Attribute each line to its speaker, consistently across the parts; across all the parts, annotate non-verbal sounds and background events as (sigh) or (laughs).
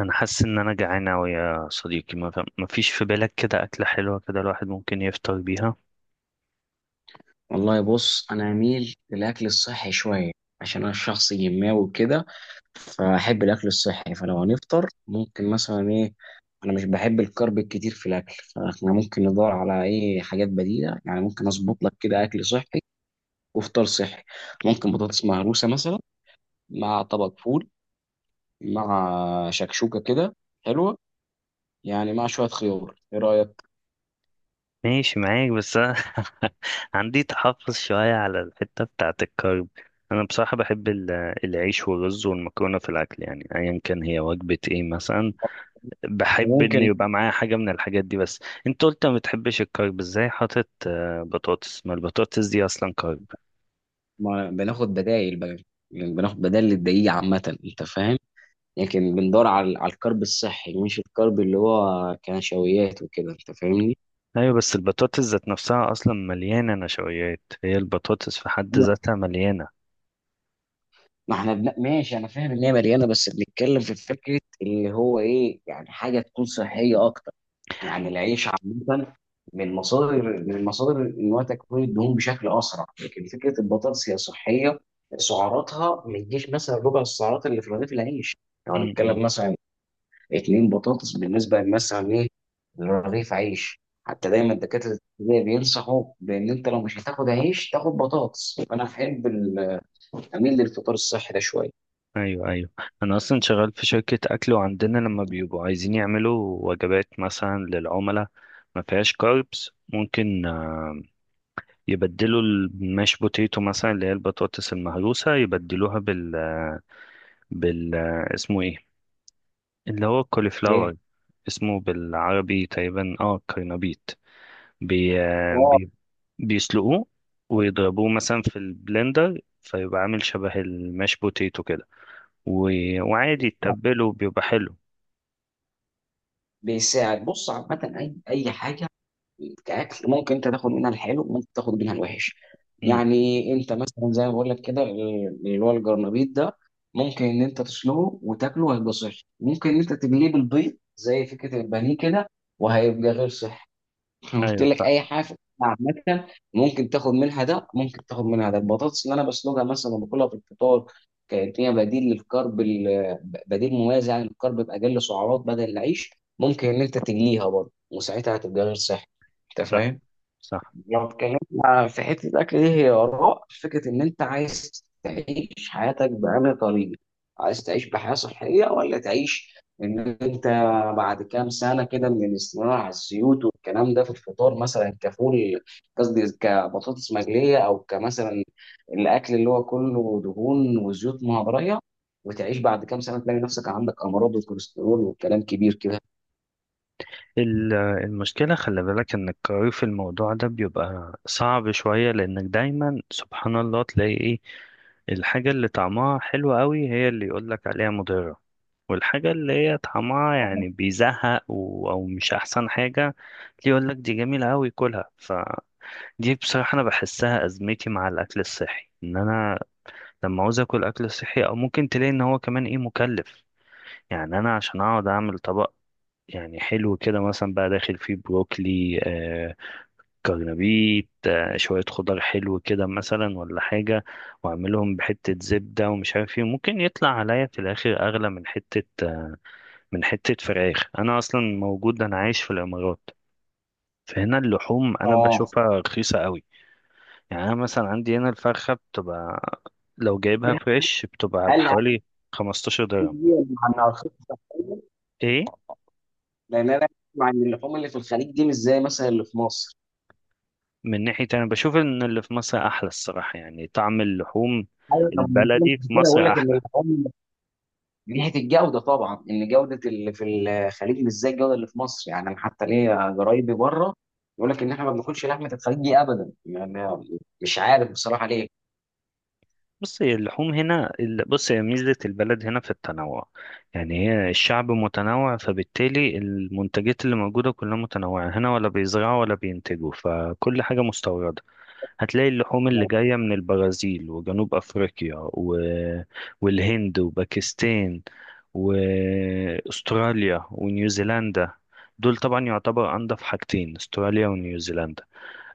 Speaker 1: انا حاسس ان انا جعان اوي يا صديقي، ما فيش في بالك كده اكله حلوه كده الواحد ممكن يفطر بيها؟
Speaker 2: والله بص، انا اميل للاكل الصحي شويه. عشان انا شخص جماوي وكده، فاحب الاكل الصحي. فلو هنفطر، ممكن مثلا ايه. انا مش بحب الكرب الكتير في الاكل، فاحنا ممكن ندور على ايه حاجات بديله. يعني ممكن اظبط لك كده اكل صحي وفطار صحي. ممكن بطاطس مهروسه مثلا مع طبق فول مع شكشوكه كده حلوه. يعني مع شويه خيار، ايه رايك؟
Speaker 1: ماشي معاك بس أنا (laughs) عندي تحفظ شويه على الحته بتاعه الكرب. انا بصراحه بحب العيش والرز والمكرونه في الاكل، يعني ايا كان هي وجبه ايه مثلا بحب ان
Speaker 2: ممكن.
Speaker 1: يبقى معايا حاجه من الحاجات دي. بس انت قلت ما بتحبش الكرب، ازاي حاطط بطاطس؟ ما البطاطس دي اصلا كرب.
Speaker 2: ما بناخد بدائل بقى، يعني بناخد بدائل للدقيق عامه، انت فاهم. لكن بندور على الكرب الصحي، مش الكرب اللي هو كنشويات وكده، انت فاهمني.
Speaker 1: ايوه بس البطاطس ذات نفسها اصلا مليانه نشويات، هي البطاطس في حد ذاتها مليانه.
Speaker 2: ما احنا ماشي، انا فاهم ان هي مليانه، بس بنتكلم في فكره اللي هو ايه، يعني حاجه تكون صحيه اكتر. يعني العيش عامه من مصادر ان هو تكوين الدهون بشكل اسرع، لكن فكره البطاطس هي صحيه. سعراتها ما تجيش مثلا ربع السعرات اللي في رغيف العيش. لو يعني
Speaker 1: امم.
Speaker 2: هنتكلم مثلا اتنين بطاطس بالنسبه للناس ايه لرغيف عيش. حتى دايما دكاتره الابتدائي بينصحوا بان انت لو مش هتاخد عيش تاخد بطاطس. فانا اميل للفطار الصحي ده شويه.
Speaker 1: ايوه ايوه، انا اصلا شغال في شركه اكل وعندنا لما بيبقوا عايزين يعملوا وجبات مثلا للعملاء ما فيهاش كاربس، ممكن يبدلوا الماش بوتيتو مثلا اللي هي البطاطس المهروسه، يبدلوها بال آه، بال آه، اسمه ايه، اللي هو
Speaker 2: ايه.
Speaker 1: الكوليفلاور. اسمه بالعربي تقريبا اه كرنبيط. بي... آه،
Speaker 2: اه.
Speaker 1: بي... بيسلقوه ويضربوه مثلا في البلندر فيبقى عامل شبه الماش بوتيتو كده، و... وعادي تتبله بيبقى حلو.
Speaker 2: بيساعد. بص عامه اي حاجه كاكل ممكن انت تاخد منها الحلو، ممكن تاخد منها الوحش.
Speaker 1: امم.
Speaker 2: يعني انت مثلا زي ما بقول لك كده اللي هو الجرنبيط ده، ممكن ان انت تسلقه وتاكله هيبقى صحي، ممكن ان انت تقليه بالبيض زي فكره البانيه كده وهيبقى غير صحي. انا قلت
Speaker 1: ايوه
Speaker 2: لك
Speaker 1: صح.
Speaker 2: اي حاجه في الأكل عامه، ممكن تاخد منها ده، ممكن تاخد منها ده. البطاطس اللي انا بسلقها مثلا وباكلها في الفطار كانت هي بديل للكرب بديل موازي عن الكرب باقل سعرات بدل العيش. ممكن ان انت تجليها برضه وساعتها هتبقى غير صحي، انت
Speaker 1: صح.
Speaker 2: فاهم.
Speaker 1: صح.
Speaker 2: لو اتكلمنا في حتة الأكل دي، هي آراء فكرة إن أنت عايز تعيش حياتك بأنهي طريقة؟ عايز تعيش بحياة صحية ولا تعيش إن أنت بعد كام سنة كده من الاستمرار على الزيوت والكلام ده في الفطار مثلا كفول، قصدي كبطاطس مقلية أو كمثلا الأكل اللي هو كله دهون وزيوت مهضرية، وتعيش بعد كام سنة تلاقي نفسك عندك أمراض وكوليسترول وكلام كبير كده.
Speaker 1: المشكلة خلي بالك ان القرار في الموضوع ده بيبقى صعب شوية، لانك دايما سبحان الله تلاقي ايه الحاجة اللي طعمها حلو قوي هي اللي يقولك عليها مضرة، والحاجة اللي هي طعمها يعني بيزهق او مش احسن حاجة، اللي يقولك دي جميلة قوي كلها فدي. بصراحة انا بحسها ازمتي مع الاكل الصحي، ان انا لما عاوز اكل اكل صحي او ممكن تلاقي ان هو كمان ايه مكلف. يعني انا عشان اقعد اعمل طبق يعني حلو كده مثلا بقى داخل فيه بروكلي، كرنبيت، شوية خضار حلو كده مثلا ولا حاجة، واعملهم بحتة زبدة ومش عارف ايه، ممكن يطلع عليا في الاخر اغلى من حتة آه من حتة فراخ. انا اصلا موجود، انا عايش في الامارات، فهنا اللحوم انا
Speaker 2: آه.
Speaker 1: بشوفها رخيصة قوي. يعني أنا مثلا عندي هنا الفرخة بتبقى لو جايبها فريش بتبقى
Speaker 2: هل هل
Speaker 1: بحوالي 15 درهم.
Speaker 2: هل مع إنها خطة.
Speaker 1: إيه؟
Speaker 2: لان انا اسمع ان اللحوم اللي في الخليج دي مش زي مثلا اللي في مصر.
Speaker 1: من ناحية أنا بشوف إن اللي في مصر أحلى الصراحة، يعني طعم اللحوم
Speaker 2: ايوه، لما بتكلم
Speaker 1: البلدي
Speaker 2: في
Speaker 1: في
Speaker 2: كده بقول
Speaker 1: مصر
Speaker 2: لك ان
Speaker 1: أحلى.
Speaker 2: اللحوم من ناحيه الجوده طبعا، ان جوده اللي في الخليج مش زي الجوده اللي في مصر. يعني أنا حتى ليا قرايبي بره يقول لك ان احنا ما بناكلش لحمه الخليج دي ابدا، يعني مش عارف بصراحه ليه.
Speaker 1: بص هي اللحوم هنا بص هي ميزة البلد هنا في التنوع، يعني هي الشعب متنوع فبالتالي المنتجات اللي موجودة كلها متنوعة، هنا ولا بيزرعوا ولا بينتجوا فكل حاجة مستوردة. هتلاقي اللحوم اللي جاية من البرازيل وجنوب أفريقيا والهند وباكستان وأستراليا ونيوزيلندا. دول طبعا يعتبر أنضف حاجتين أستراليا ونيوزيلندا.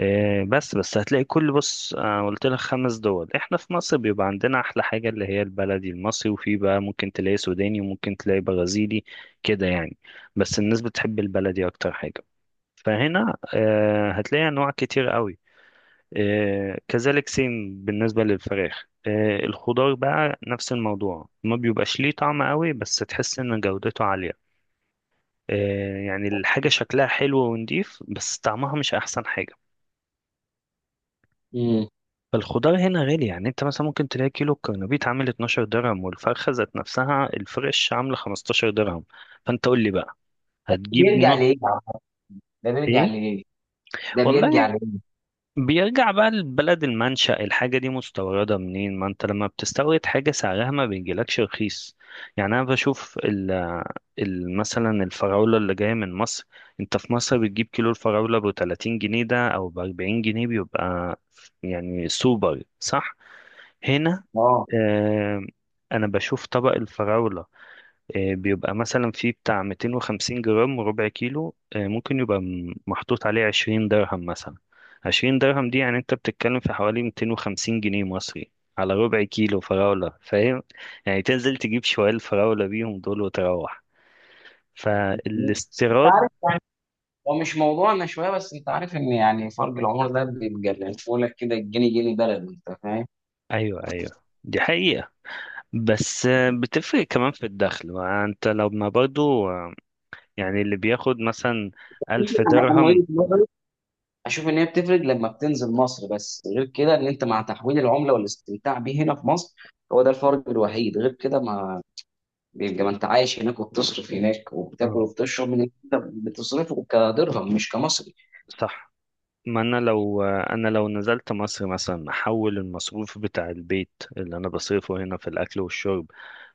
Speaker 1: بس بس هتلاقي كل بص، قلت لك خمس دول، احنا في مصر بيبقى عندنا أحلى حاجة اللي هي البلدي المصري، وفي بقى ممكن تلاقي سوداني وممكن تلاقي برازيلي كده يعني. بس الناس بتحب البلدي أكتر حاجة. فهنا هتلاقي أنواع كتير قوي. كذلك سيم بالنسبة للفراخ. الخضار بقى نفس الموضوع، ما بيبقاش ليه طعم قوي بس تحس ان جودته عالية. يعني الحاجة شكلها حلو ونضيف بس طعمها مش احسن حاجة.
Speaker 2: مم.
Speaker 1: فالخضار هنا غالي، يعني انت مثلا ممكن تلاقي كيلو الكرنبيط عامل 12 درهم، والفرخة ذات نفسها الفريش عاملة 15 درهم. فانت قول لي بقى هتجيب
Speaker 2: بيرجع
Speaker 1: نص
Speaker 2: ليه يا عم؟ ده بيرجع
Speaker 1: ايه؟
Speaker 2: ليه. ده
Speaker 1: والله
Speaker 2: بيرجع ليه.
Speaker 1: بيرجع بقى لبلد المنشأ، الحاجة دي مستوردة منين؟ ما انت لما بتستورد حاجة سعرها ما بيجيلكش رخيص. يعني انا بشوف مثلا الفراولة اللي جاية من مصر، انت في مصر بتجيب كيلو الفراولة ب 30 جنيه ده او ب 40 جنيه، بيبقى يعني سوبر صح. هنا
Speaker 2: اه.
Speaker 1: آه انا بشوف طبق الفراولة بيبقى مثلا فيه بتاع 250 جرام ربع كيلو، ممكن يبقى محطوط عليه 20 درهم مثلا. 20 درهم دي يعني انت بتتكلم في حوالي 250 جنيه مصري على ربع كيلو فراولة، فاهم؟ يعني تنزل تجيب شوية الفراولة بيهم دول وتروح
Speaker 2: انت
Speaker 1: فالاستيراد.
Speaker 2: عارف يعني، هو مش موضوعنا شويه، بس انت عارف ان يعني فرق العمر ده بيبقى لك كده الجنيه جنيه بلد، انت فاهم.
Speaker 1: ايوه ايوه دي حقيقة. بس بتفرق كمان في الدخل، ما انت لما برضو يعني اللي بياخد مثلا ألف
Speaker 2: انا أنا
Speaker 1: درهم.
Speaker 2: مريض اشوف ان هي بتفرق لما بتنزل مصر، بس غير كده ان انت مع تحويل العمله والاستمتاع بيه هنا في مصر، هو ده الفرق الوحيد. غير كده ما بيبقى، ما انت عايش هناك وبتصرف هناك وبتاكل
Speaker 1: آه،
Speaker 2: وبتشرب من اللي انت بتصرفه كدرهم مش كمصري.
Speaker 1: صح. ما انا لو انا لو نزلت مصر مثلا احول المصروف بتاع البيت اللي انا بصرفه هنا في الاكل والشرب،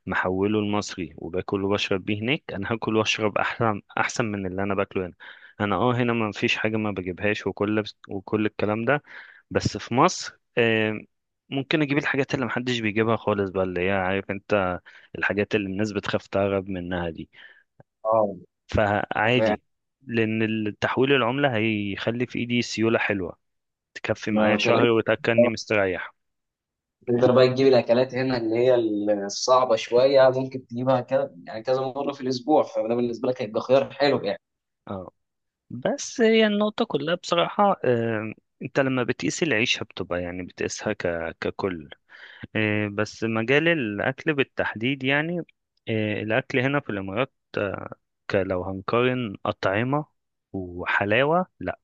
Speaker 1: محوله لمصري وباكل وبشرب بيه هناك، انا هاكل واشرب احسن احسن من اللي انا باكله هنا. انا اه هنا ما فيش حاجه ما بجيبهاش وكل الكلام ده. بس في مصر ممكن اجيب الحاجات اللي محدش بيجيبها خالص بقى، اللي هي عارف انت الحاجات اللي الناس بتخاف تهرب منها دي.
Speaker 2: اه. فيعني
Speaker 1: فعادي، لان التحويل العمله هيخلي في ايدي سيوله حلوه تكفي
Speaker 2: ما
Speaker 1: معايا
Speaker 2: بكلمك،
Speaker 1: شهر وتأكلني مستريح.
Speaker 2: تقدر بقى تجيب الاكلات هنا اللي هي الصعبه شويه، ممكن تجيبها كده يعني كذا مره في الاسبوع، فده بالنسبه لك هيبقى خيار حلو يعني.
Speaker 1: اه بس هي النقطة كلها بصراحة، انت لما بتقيس العيشة بتبقى يعني بتقيسها ككل. بس مجال الأكل بالتحديد يعني، الأكل هنا في الإمارات، لو هنقارن أطعمة وحلاوة، لا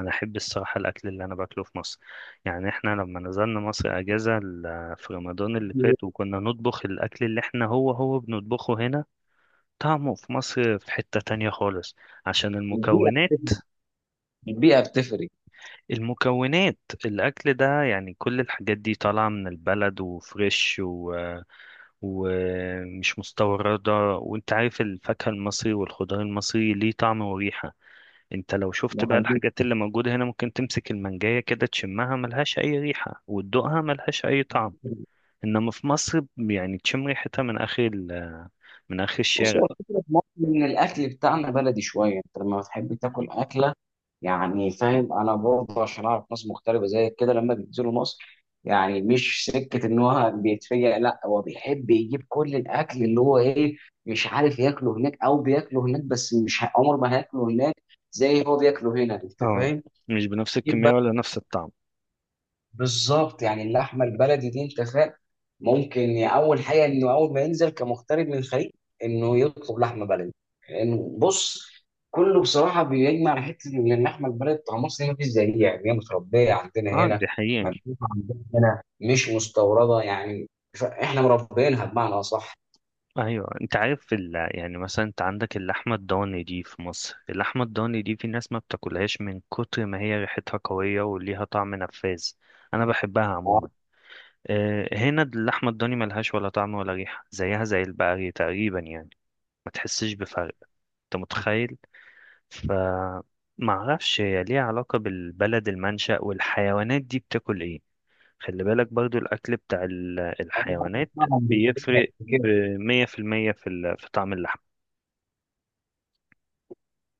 Speaker 1: أنا أحب الصراحة الأكل اللي أنا باكله في مصر. يعني إحنا لما نزلنا مصر أجازة في رمضان اللي فات
Speaker 2: (laughs)
Speaker 1: وكنا نطبخ الأكل اللي إحنا هو بنطبخه هنا، طعمه في مصر في حتة تانية خالص عشان
Speaker 2: البيئه
Speaker 1: المكونات.
Speaker 2: بتفرق. البيئه بتفرق.
Speaker 1: المكونات، الأكل ده يعني كل الحاجات دي طالعة من البلد وفريش ومش مستوردة. وانت عارف الفاكهة المصري والخضار المصري ليه طعم وريحة، انت لو شفت بقى
Speaker 2: ده
Speaker 1: الحاجات اللي موجودة هنا ممكن تمسك المانجاية كده تشمها ملهاش أي ريحة وتدوقها ملهاش أي طعم.
Speaker 2: حقيقي.
Speaker 1: إنما في مصر يعني تشم ريحتها من من آخر
Speaker 2: بص
Speaker 1: الشارع.
Speaker 2: هو الفكرة في مصر إن الأكل بتاعنا بلدي شوية، أنت لما بتحب تاكل أكلة، يعني فاهم. أنا برضه عشان أعرف ناس مغتربة زي كده لما بينزلوا مصر، يعني مش سكة إن هو بيتفيق، لا هو بيحب يجيب كل الأكل اللي هو إيه مش عارف ياكله هناك أو بياكله هناك، بس مش عمر ما هياكله هناك زي هو بياكله هنا، أنت
Speaker 1: اه
Speaker 2: فاهم؟
Speaker 1: مش بنفس
Speaker 2: يجيب.
Speaker 1: الكمية ولا نفس الطعم.
Speaker 2: بالظبط. يعني اللحمه البلدي دي، انت فاهم، ممكن يعني اول حاجه انه اول ما ينزل كمغترب من الخليج انه يطلب لحمه بلدي. لانه بص، كله بصراحه بيجمع على حته ان اللحمه البلدي بتاع مصر ما فيش زيها، يعني هي متربيه عندنا
Speaker 1: اه دي
Speaker 2: هنا،
Speaker 1: حقيقة.
Speaker 2: مبيوتة عندنا هنا، مش مستورده يعني. احنا مربينها بمعنى
Speaker 1: ايوه انت عارف يعني مثلا انت عندك اللحمة الضاني دي في مصر، اللحمة الضاني دي في ناس ما بتاكلهاش من كتر ما هي ريحتها قوية وليها طعم نفاذ، انا بحبها عموما. هنا اللحمة الضاني ملهاش ولا طعم ولا ريحة زيها زي البقري تقريبا، يعني ما تحسش بفرق، انت متخيل؟ ف معرفش هي ليها علاقة بالبلد المنشأ والحيوانات دي بتاكل ايه. خلي بالك برضو الأكل بتاع الحيوانات
Speaker 2: اصح.
Speaker 1: بيفرق بمية في المية في في طعم اللحم.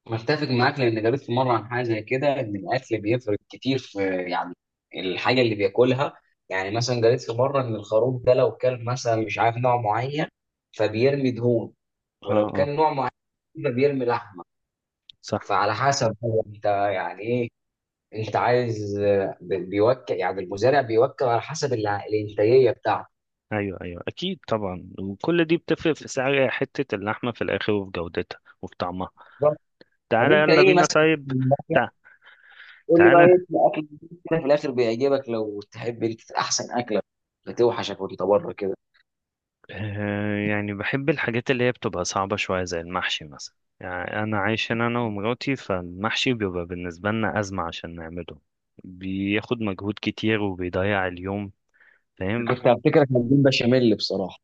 Speaker 2: متفق معاك، لان قريت في مره عن حاجه زي كده ان الاكل بيفرق كتير في يعني الحاجه اللي بياكلها. يعني مثلا قريت في مره ان الخروف ده لو كان مثلا مش عارف نوع معين فبيرمي دهون،
Speaker 1: اه.
Speaker 2: ولو
Speaker 1: اه
Speaker 2: كان نوع معين بيرمي لحمه.
Speaker 1: صح.
Speaker 2: فعلى حسب هو انت يعني ايه، انت عايز بيوكل. يعني المزارع بيوكل على حسب الانتاجيه بتاعته.
Speaker 1: أيوه أيوه أكيد طبعا، وكل دي بتفرق في سعر حتة اللحمة في الآخر وفي جودتها وفي طعمها.
Speaker 2: طب
Speaker 1: تعالى
Speaker 2: انت
Speaker 1: يلا
Speaker 2: ايه
Speaker 1: بينا
Speaker 2: مثلا؟
Speaker 1: طيب. تع-
Speaker 2: قول لي بقى
Speaker 1: تعالى،
Speaker 2: ايه الاكل اللي في الاخر بيعجبك؟ لو تحب انت احسن اكله بتوحشك وانت بره كده.
Speaker 1: يعني بحب الحاجات اللي هي بتبقى صعبة شوية زي المحشي مثلا. يعني أنا عايش هنا أنا ومراتي، فالمحشي بيبقى بالنسبة لنا أزمة عشان نعمله، بياخد مجهود كتير وبيضيع اليوم، فاهم؟
Speaker 2: كنت هفتكرك هتجيب بشاميل بصراحة.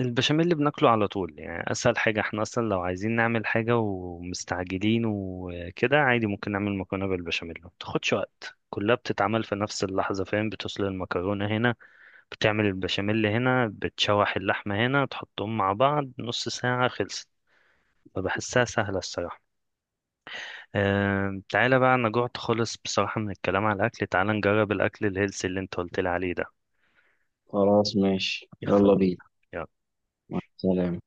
Speaker 1: البشاميل اللي بناكله على طول يعني اسهل حاجه، احنا اصلا لو عايزين نعمل حاجه ومستعجلين وكده عادي ممكن نعمل مكرونه بالبشاميل ما بتاخدش وقت، كلها بتتعمل في نفس اللحظه، فاهم؟ بتوصل المكرونه هنا، بتعمل البشاميل هنا، بتشوح اللحمه هنا، تحطهم مع بعض نص ساعه خلصت، فبحسها سهله الصراحه. أه تعالى بقى انا جوعت خالص بصراحه من الكلام على الاكل، تعالى نجرب الاكل الهيلثي اللي انت قلت لي عليه ده.
Speaker 2: خلاص ماشي،
Speaker 1: يلا
Speaker 2: يلا
Speaker 1: بينا.
Speaker 2: بينا.
Speaker 1: يلا.
Speaker 2: مع السلامة.